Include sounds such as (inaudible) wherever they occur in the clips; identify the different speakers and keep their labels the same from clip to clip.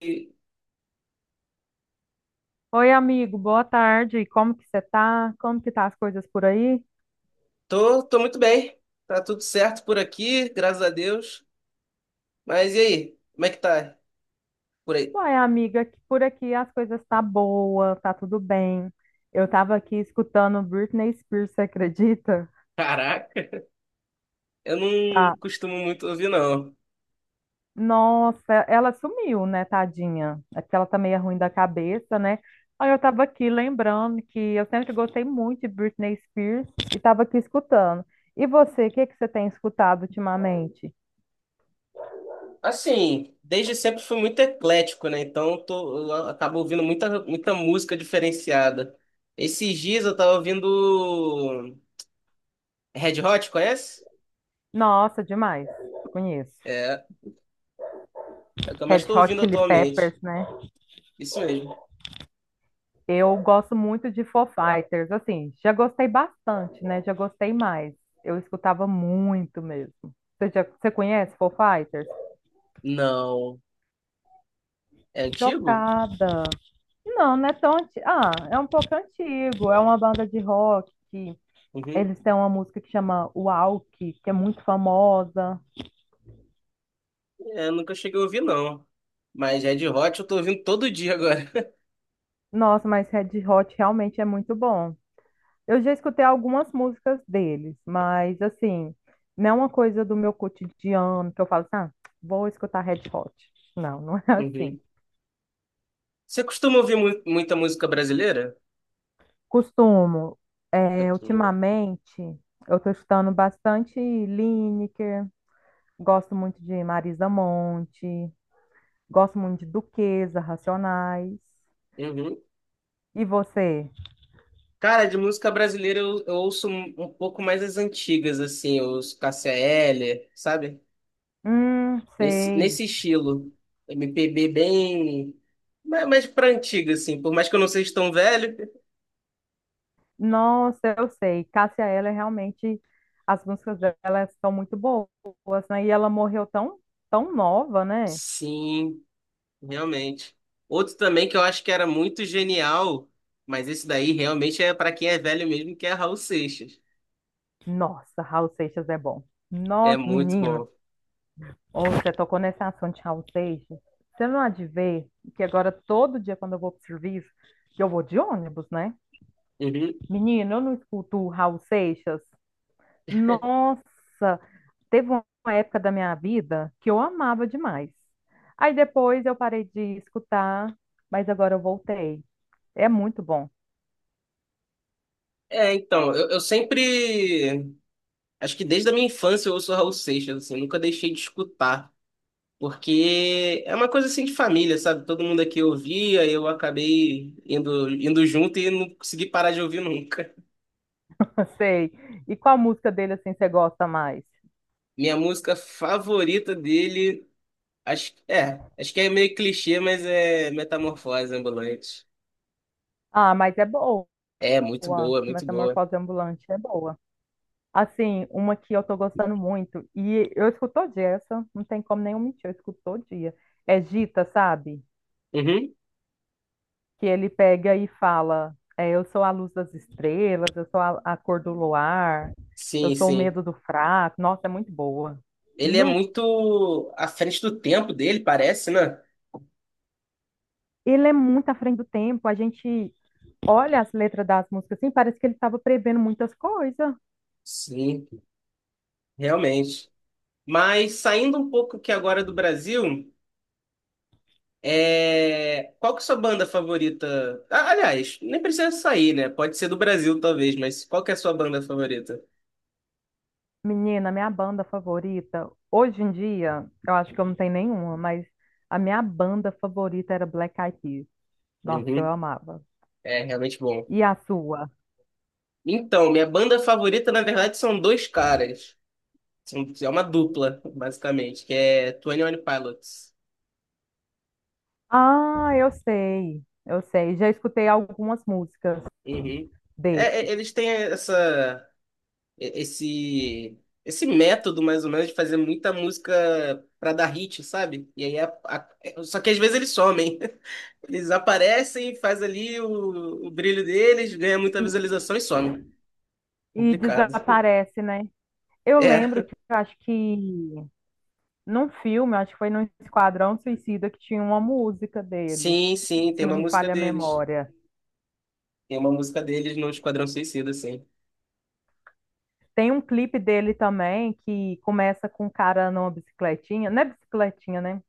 Speaker 1: E
Speaker 2: Oi, amigo, boa tarde. Como que você tá? Como que tá as coisas por aí?
Speaker 1: Tô muito bem. Tá tudo certo por aqui, graças a Deus. Mas e aí? Como é que tá por aí?
Speaker 2: Uai, amiga, que por aqui as coisas tá boa, tá tudo bem. Eu tava aqui escutando Britney Spears, você acredita?
Speaker 1: Caraca, eu não
Speaker 2: Tá.
Speaker 1: costumo muito ouvir, não.
Speaker 2: Nossa, ela sumiu, né, tadinha? É porque ela tá meio ruim da cabeça, né? Aí eu tava aqui lembrando que eu sempre gostei muito de Britney Spears e tava aqui escutando. E você, o que que você tem escutado ultimamente?
Speaker 1: Assim, desde sempre fui muito eclético, né? Então eu acabo ouvindo muita música diferenciada. Esses dias eu tava ouvindo Red Hot, conhece?
Speaker 2: Nossa, demais. Conheço.
Speaker 1: É, é o que eu mais
Speaker 2: Red
Speaker 1: tô
Speaker 2: Hot
Speaker 1: ouvindo
Speaker 2: Chili Peppers,
Speaker 1: atualmente.
Speaker 2: né?
Speaker 1: Isso mesmo.
Speaker 2: Eu gosto muito de Foo Fighters, assim, já gostei bastante, né? Já gostei mais. Eu escutava muito mesmo. Você, já, você conhece Foo Fighters?
Speaker 1: Não. É antigo?
Speaker 2: Chocada. Não, é tão antigo. Ah, é um pouco antigo. É uma banda de rock que
Speaker 1: Uhum.
Speaker 2: eles têm uma música que chama Walk, que é muito famosa.
Speaker 1: É, nunca cheguei a ouvir, não. Mas Red Hot eu tô ouvindo todo dia agora. (laughs)
Speaker 2: Nossa, mas Red Hot realmente é muito bom. Eu já escutei algumas músicas deles, mas assim, não é uma coisa do meu cotidiano que eu falo assim, ah, vou escutar Red Hot. Não, é assim.
Speaker 1: Uhum. Você costuma ouvir muita música brasileira?
Speaker 2: Costumo, é,
Speaker 1: Aqui.
Speaker 2: ultimamente, eu estou escutando bastante Lineker, gosto muito de Marisa Monte, gosto muito de Duquesa, Racionais.
Speaker 1: Uhum.
Speaker 2: E você?
Speaker 1: Cara, de música brasileira eu ouço um pouco mais as antigas, assim, os Cássia Eller, sabe?
Speaker 2: Sei.
Speaker 1: Nesse estilo. MPB bem. Mais pra antiga, assim. Por mais que eu não seja tão velho.
Speaker 2: Nossa, eu sei. Cássia Eller realmente as músicas dela são muito boas, né? E ela morreu tão tão nova, né?
Speaker 1: Sim. Realmente. Outro também que eu acho que era muito genial, mas esse daí realmente é para quem é velho mesmo, que é Raul Seixas.
Speaker 2: Nossa, Raul Seixas é bom.
Speaker 1: É
Speaker 2: Nossa,
Speaker 1: muito
Speaker 2: menino,
Speaker 1: bom.
Speaker 2: ou você tocou nesse assunto de Raul Seixas. Você não há de ver que agora todo dia quando eu vou pro serviço, que eu vou de ônibus, né?
Speaker 1: Uhum.
Speaker 2: Menino, eu não escuto o Raul Seixas. Nossa, teve uma época da minha vida que eu amava demais. Aí depois eu parei de escutar, mas agora eu voltei. É muito bom.
Speaker 1: É, então, eu sempre. Acho que desde a minha infância eu ouço Raul Seixas, assim, nunca deixei de escutar. Porque é uma coisa assim de família, sabe? Todo mundo aqui ouvia, eu acabei indo junto e não consegui parar de ouvir nunca.
Speaker 2: (laughs) Sei. E qual música dele assim você gosta mais?
Speaker 1: (laughs) Minha música favorita dele, acho, é, acho que é meio clichê, mas é Metamorfose Ambulante.
Speaker 2: Ah, mas é boa.
Speaker 1: É muito boa, muito boa.
Speaker 2: Metamorfose Ambulante é boa. Assim, uma que eu tô gostando muito, e eu escuto todo dia, essa não tem como nenhum mentir, eu escuto todo dia. É Gita, sabe?
Speaker 1: Uhum.
Speaker 2: Que ele pega e fala: é, eu sou a luz das estrelas, eu sou a cor do luar, eu
Speaker 1: Sim,
Speaker 2: sou o
Speaker 1: sim.
Speaker 2: medo do fraco. Nossa, é muito boa.
Speaker 1: Ele é
Speaker 2: Nu,
Speaker 1: muito à frente do tempo dele, parece, né?
Speaker 2: ele é muito à frente do tempo. A gente olha as letras das músicas assim, parece que ele estava prevendo muitas coisas.
Speaker 1: Sim, realmente. Mas saindo um pouco aqui agora do Brasil, qual que é a sua banda favorita? Ah, aliás, nem precisa sair, né? Pode ser do Brasil, talvez, mas qual que é a sua banda favorita?
Speaker 2: Menina, minha banda favorita, hoje em dia, eu acho que eu não tenho nenhuma, mas a minha banda favorita era Black Eyed Peas. Nossa, eu
Speaker 1: Uhum.
Speaker 2: amava.
Speaker 1: É realmente bom.
Speaker 2: E a sua?
Speaker 1: Então, minha banda favorita, na verdade, são dois caras. É uma dupla, basicamente, que é Twenty One Pilots.
Speaker 2: Ah, eu sei, eu sei. Já escutei algumas músicas
Speaker 1: Uhum.
Speaker 2: deles.
Speaker 1: Eles têm e- esse, esse método, mais ou menos, de fazer muita música pra dar hit, sabe? E aí só que às vezes eles somem. (laughs) Eles aparecem, faz ali o brilho deles, ganha muita
Speaker 2: E,
Speaker 1: visualização e some.
Speaker 2: e
Speaker 1: Complicado. (laughs)
Speaker 2: desaparece, né? Eu lembro
Speaker 1: É.
Speaker 2: que eu acho que num filme, acho que foi num Esquadrão Suicida que tinha uma música deles,
Speaker 1: Sim, sim,
Speaker 2: se
Speaker 1: tem
Speaker 2: não
Speaker 1: uma
Speaker 2: me
Speaker 1: música
Speaker 2: falha a
Speaker 1: deles.
Speaker 2: memória.
Speaker 1: Tem uma música deles no Esquadrão Suicida, sim.
Speaker 2: Tem um clipe dele também que começa com um cara numa bicicletinha, não é bicicletinha, né?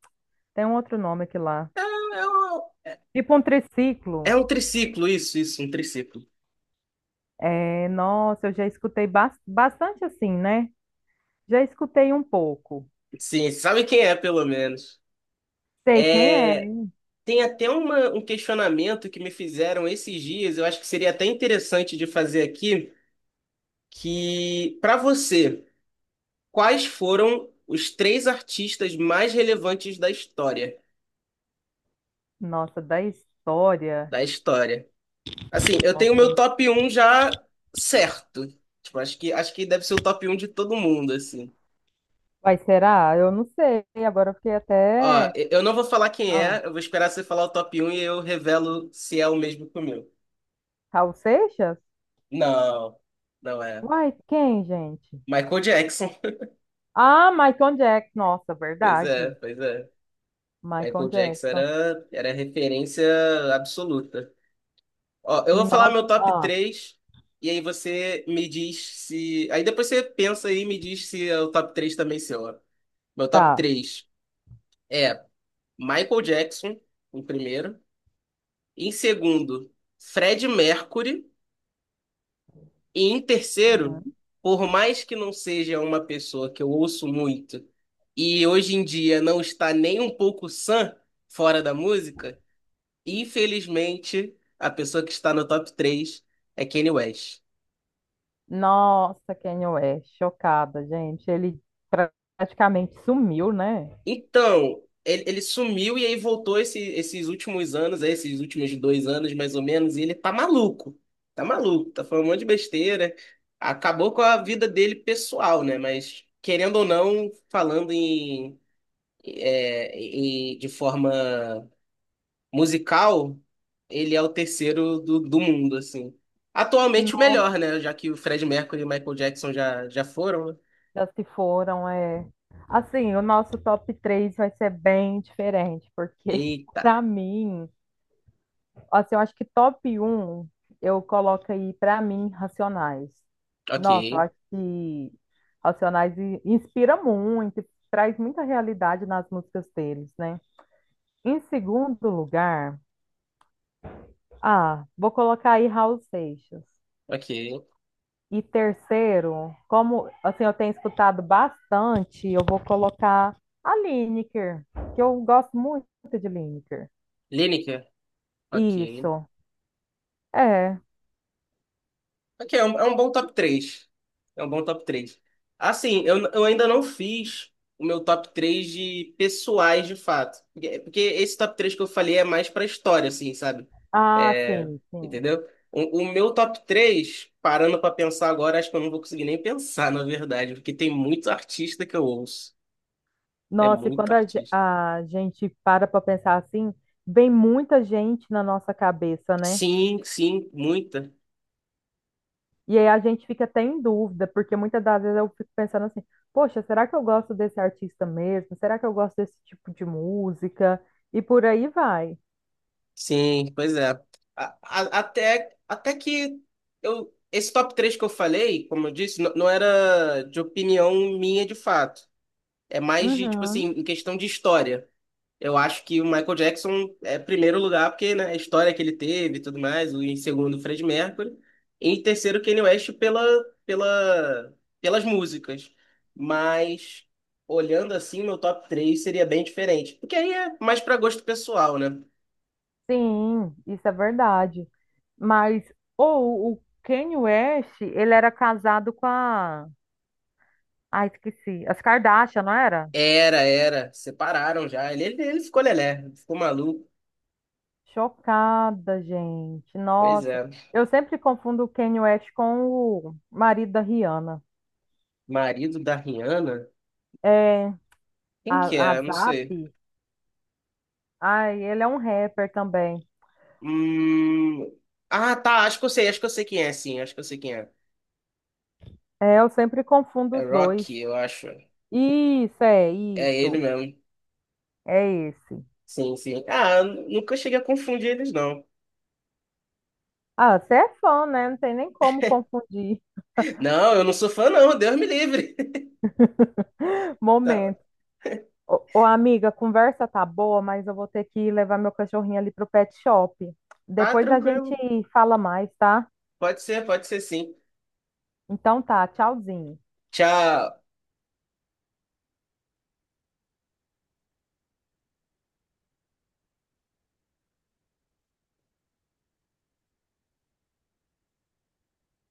Speaker 2: Tem um outro nome aqui lá.
Speaker 1: É um,
Speaker 2: Tipo um triciclo.
Speaker 1: é um triciclo, isso, um triciclo.
Speaker 2: É, nossa, eu já escutei bastante assim, né? Já escutei um pouco.
Speaker 1: Sim, sabe quem é, pelo menos.
Speaker 2: Sei quem é.
Speaker 1: É. Tem até um questionamento que me fizeram esses dias, eu acho que seria até interessante de fazer aqui, que para você, quais foram os três artistas mais relevantes da história?
Speaker 2: Nossa, da história.
Speaker 1: Da história. Assim, eu tenho o
Speaker 2: Nossa.
Speaker 1: meu top um já certo. Tipo, acho que deve ser o top um de todo mundo, assim.
Speaker 2: Vai, será? Eu não sei. Agora eu fiquei
Speaker 1: Ó,
Speaker 2: até.
Speaker 1: eu não vou falar quem
Speaker 2: Ah,
Speaker 1: é, eu vou esperar você falar o top um e eu revelo se é o mesmo que o meu.
Speaker 2: Raul Seixas?
Speaker 1: Não, não é.
Speaker 2: Uai, quem, gente?
Speaker 1: Michael Jackson.
Speaker 2: Ah, Michael Jackson. Nossa,
Speaker 1: Pois é,
Speaker 2: verdade.
Speaker 1: pois é.
Speaker 2: Michael
Speaker 1: Michael Jackson
Speaker 2: Jackson.
Speaker 1: era referência absoluta. Ó, eu vou falar
Speaker 2: Nossa.
Speaker 1: meu top
Speaker 2: Ah,
Speaker 1: 3 e aí você me diz se. Aí depois você pensa aí e me diz se é o top 3 também seu. Ó. Meu top
Speaker 2: tá.
Speaker 1: 3 é Michael Jackson, em primeiro. Em segundo, Fred Mercury. E em terceiro,
Speaker 2: Uhum.
Speaker 1: por mais que não seja uma pessoa que eu ouço muito e hoje em dia não está nem um pouco sã fora da música. Infelizmente, a pessoa que está no top 3 é Kanye West.
Speaker 2: Nossa, Kanye West. Chocada, gente. Ele pra- praticamente sumiu, né?
Speaker 1: Então, ele sumiu e aí voltou esses últimos anos, aí, esses últimos dois anos mais ou menos, e ele tá maluco. Tá maluco, tá falando um monte de besteira. Acabou com a vida dele pessoal, né? Mas, querendo ou não, falando em, é, em- de forma musical, ele é o terceiro do mundo, assim. Atualmente o
Speaker 2: Nossa,
Speaker 1: melhor, né? Já que o Fred Mercury e o Michael Jackson já foram, né?
Speaker 2: se foram, é. Assim, o nosso top 3 vai ser bem diferente, porque (laughs)
Speaker 1: Eita,
Speaker 2: pra mim. Assim, eu acho que top um eu coloco aí pra mim Racionais.
Speaker 1: ok,
Speaker 2: Nossa, eu acho que Racionais inspira muito, traz muita realidade nas músicas deles, né? Em segundo lugar, ah, vou colocar aí Raul Seixas.
Speaker 1: ok.
Speaker 2: E terceiro, como assim eu tenho escutado bastante, eu vou colocar a Lineker, que eu gosto muito de Lineker.
Speaker 1: Lineker, ok.
Speaker 2: Isso. É.
Speaker 1: Ok, é um bom top 3. É um bom top 3. Assim, eu ainda não fiz o meu top 3 de pessoais, de fato. Porque esse top 3 que eu falei é mais pra história, assim, sabe?
Speaker 2: Ah,
Speaker 1: É,
Speaker 2: sim, sim.
Speaker 1: entendeu? O meu top 3, parando pra pensar agora, acho que eu não vou conseguir nem pensar, (laughs) na verdade. Porque tem muito artista que eu ouço. É
Speaker 2: Nossa, e
Speaker 1: muito
Speaker 2: quando a,
Speaker 1: artista.
Speaker 2: a gente para para pensar assim, vem muita gente na nossa cabeça, né?
Speaker 1: Sim, sim, muita.
Speaker 2: E aí a gente fica até em dúvida, porque muitas das vezes eu fico pensando assim, poxa, será que eu gosto desse artista mesmo? Será que eu gosto desse tipo de música? E por aí vai.
Speaker 1: Sim, pois é. Até, até que eu, esse top 3 que eu falei, como eu disse, não era de opinião minha de fato. É mais de, tipo assim,
Speaker 2: Uhum,
Speaker 1: em questão de história. Eu acho que o Michael Jackson é primeiro lugar, porque, né, a história que ele teve e tudo mais, em segundo, o Freddie Mercury, e em terceiro, o Kanye West pela, pelas músicas. Mas, olhando assim, meu top 3 seria bem diferente. Porque aí é mais para gosto pessoal, né?
Speaker 2: sim, isso é verdade. Mas, ou o Kanye West, ele era casado com a... Ai, esqueci. As Kardashian, não era?
Speaker 1: Era. Separaram já. Ele ficou lelé, ficou maluco.
Speaker 2: Chocada, gente.
Speaker 1: Pois
Speaker 2: Nossa,
Speaker 1: é.
Speaker 2: eu sempre confundo o Kanye West com o marido da Rihanna.
Speaker 1: Marido da Rihanna?
Speaker 2: É,
Speaker 1: Quem que
Speaker 2: a
Speaker 1: é? Não
Speaker 2: Zap.
Speaker 1: sei.
Speaker 2: Ai, ele é um rapper também.
Speaker 1: Hum. Ah, tá. Acho que eu sei. Acho que eu sei quem é, sim. Acho que eu sei quem é.
Speaker 2: É, eu sempre confundo
Speaker 1: É
Speaker 2: os dois.
Speaker 1: Rock, eu acho. É ele
Speaker 2: Isso.
Speaker 1: mesmo.
Speaker 2: É esse.
Speaker 1: Sim, sim. Ah, nunca cheguei a confundir eles, não.
Speaker 2: Ah, você é fã, né? Não tem nem como confundir.
Speaker 1: Não, eu não sou fã, não. Deus me livre. (laughs)
Speaker 2: (laughs)
Speaker 1: Tá,
Speaker 2: Momento. Ô, ô, amiga, a conversa tá boa, mas eu vou ter que levar meu cachorrinho ali pro pet shop.
Speaker 1: tá
Speaker 2: Depois a gente
Speaker 1: tranquilo.
Speaker 2: fala mais, tá?
Speaker 1: Pode ser sim.
Speaker 2: Então tá, tchauzinho.
Speaker 1: Tchau.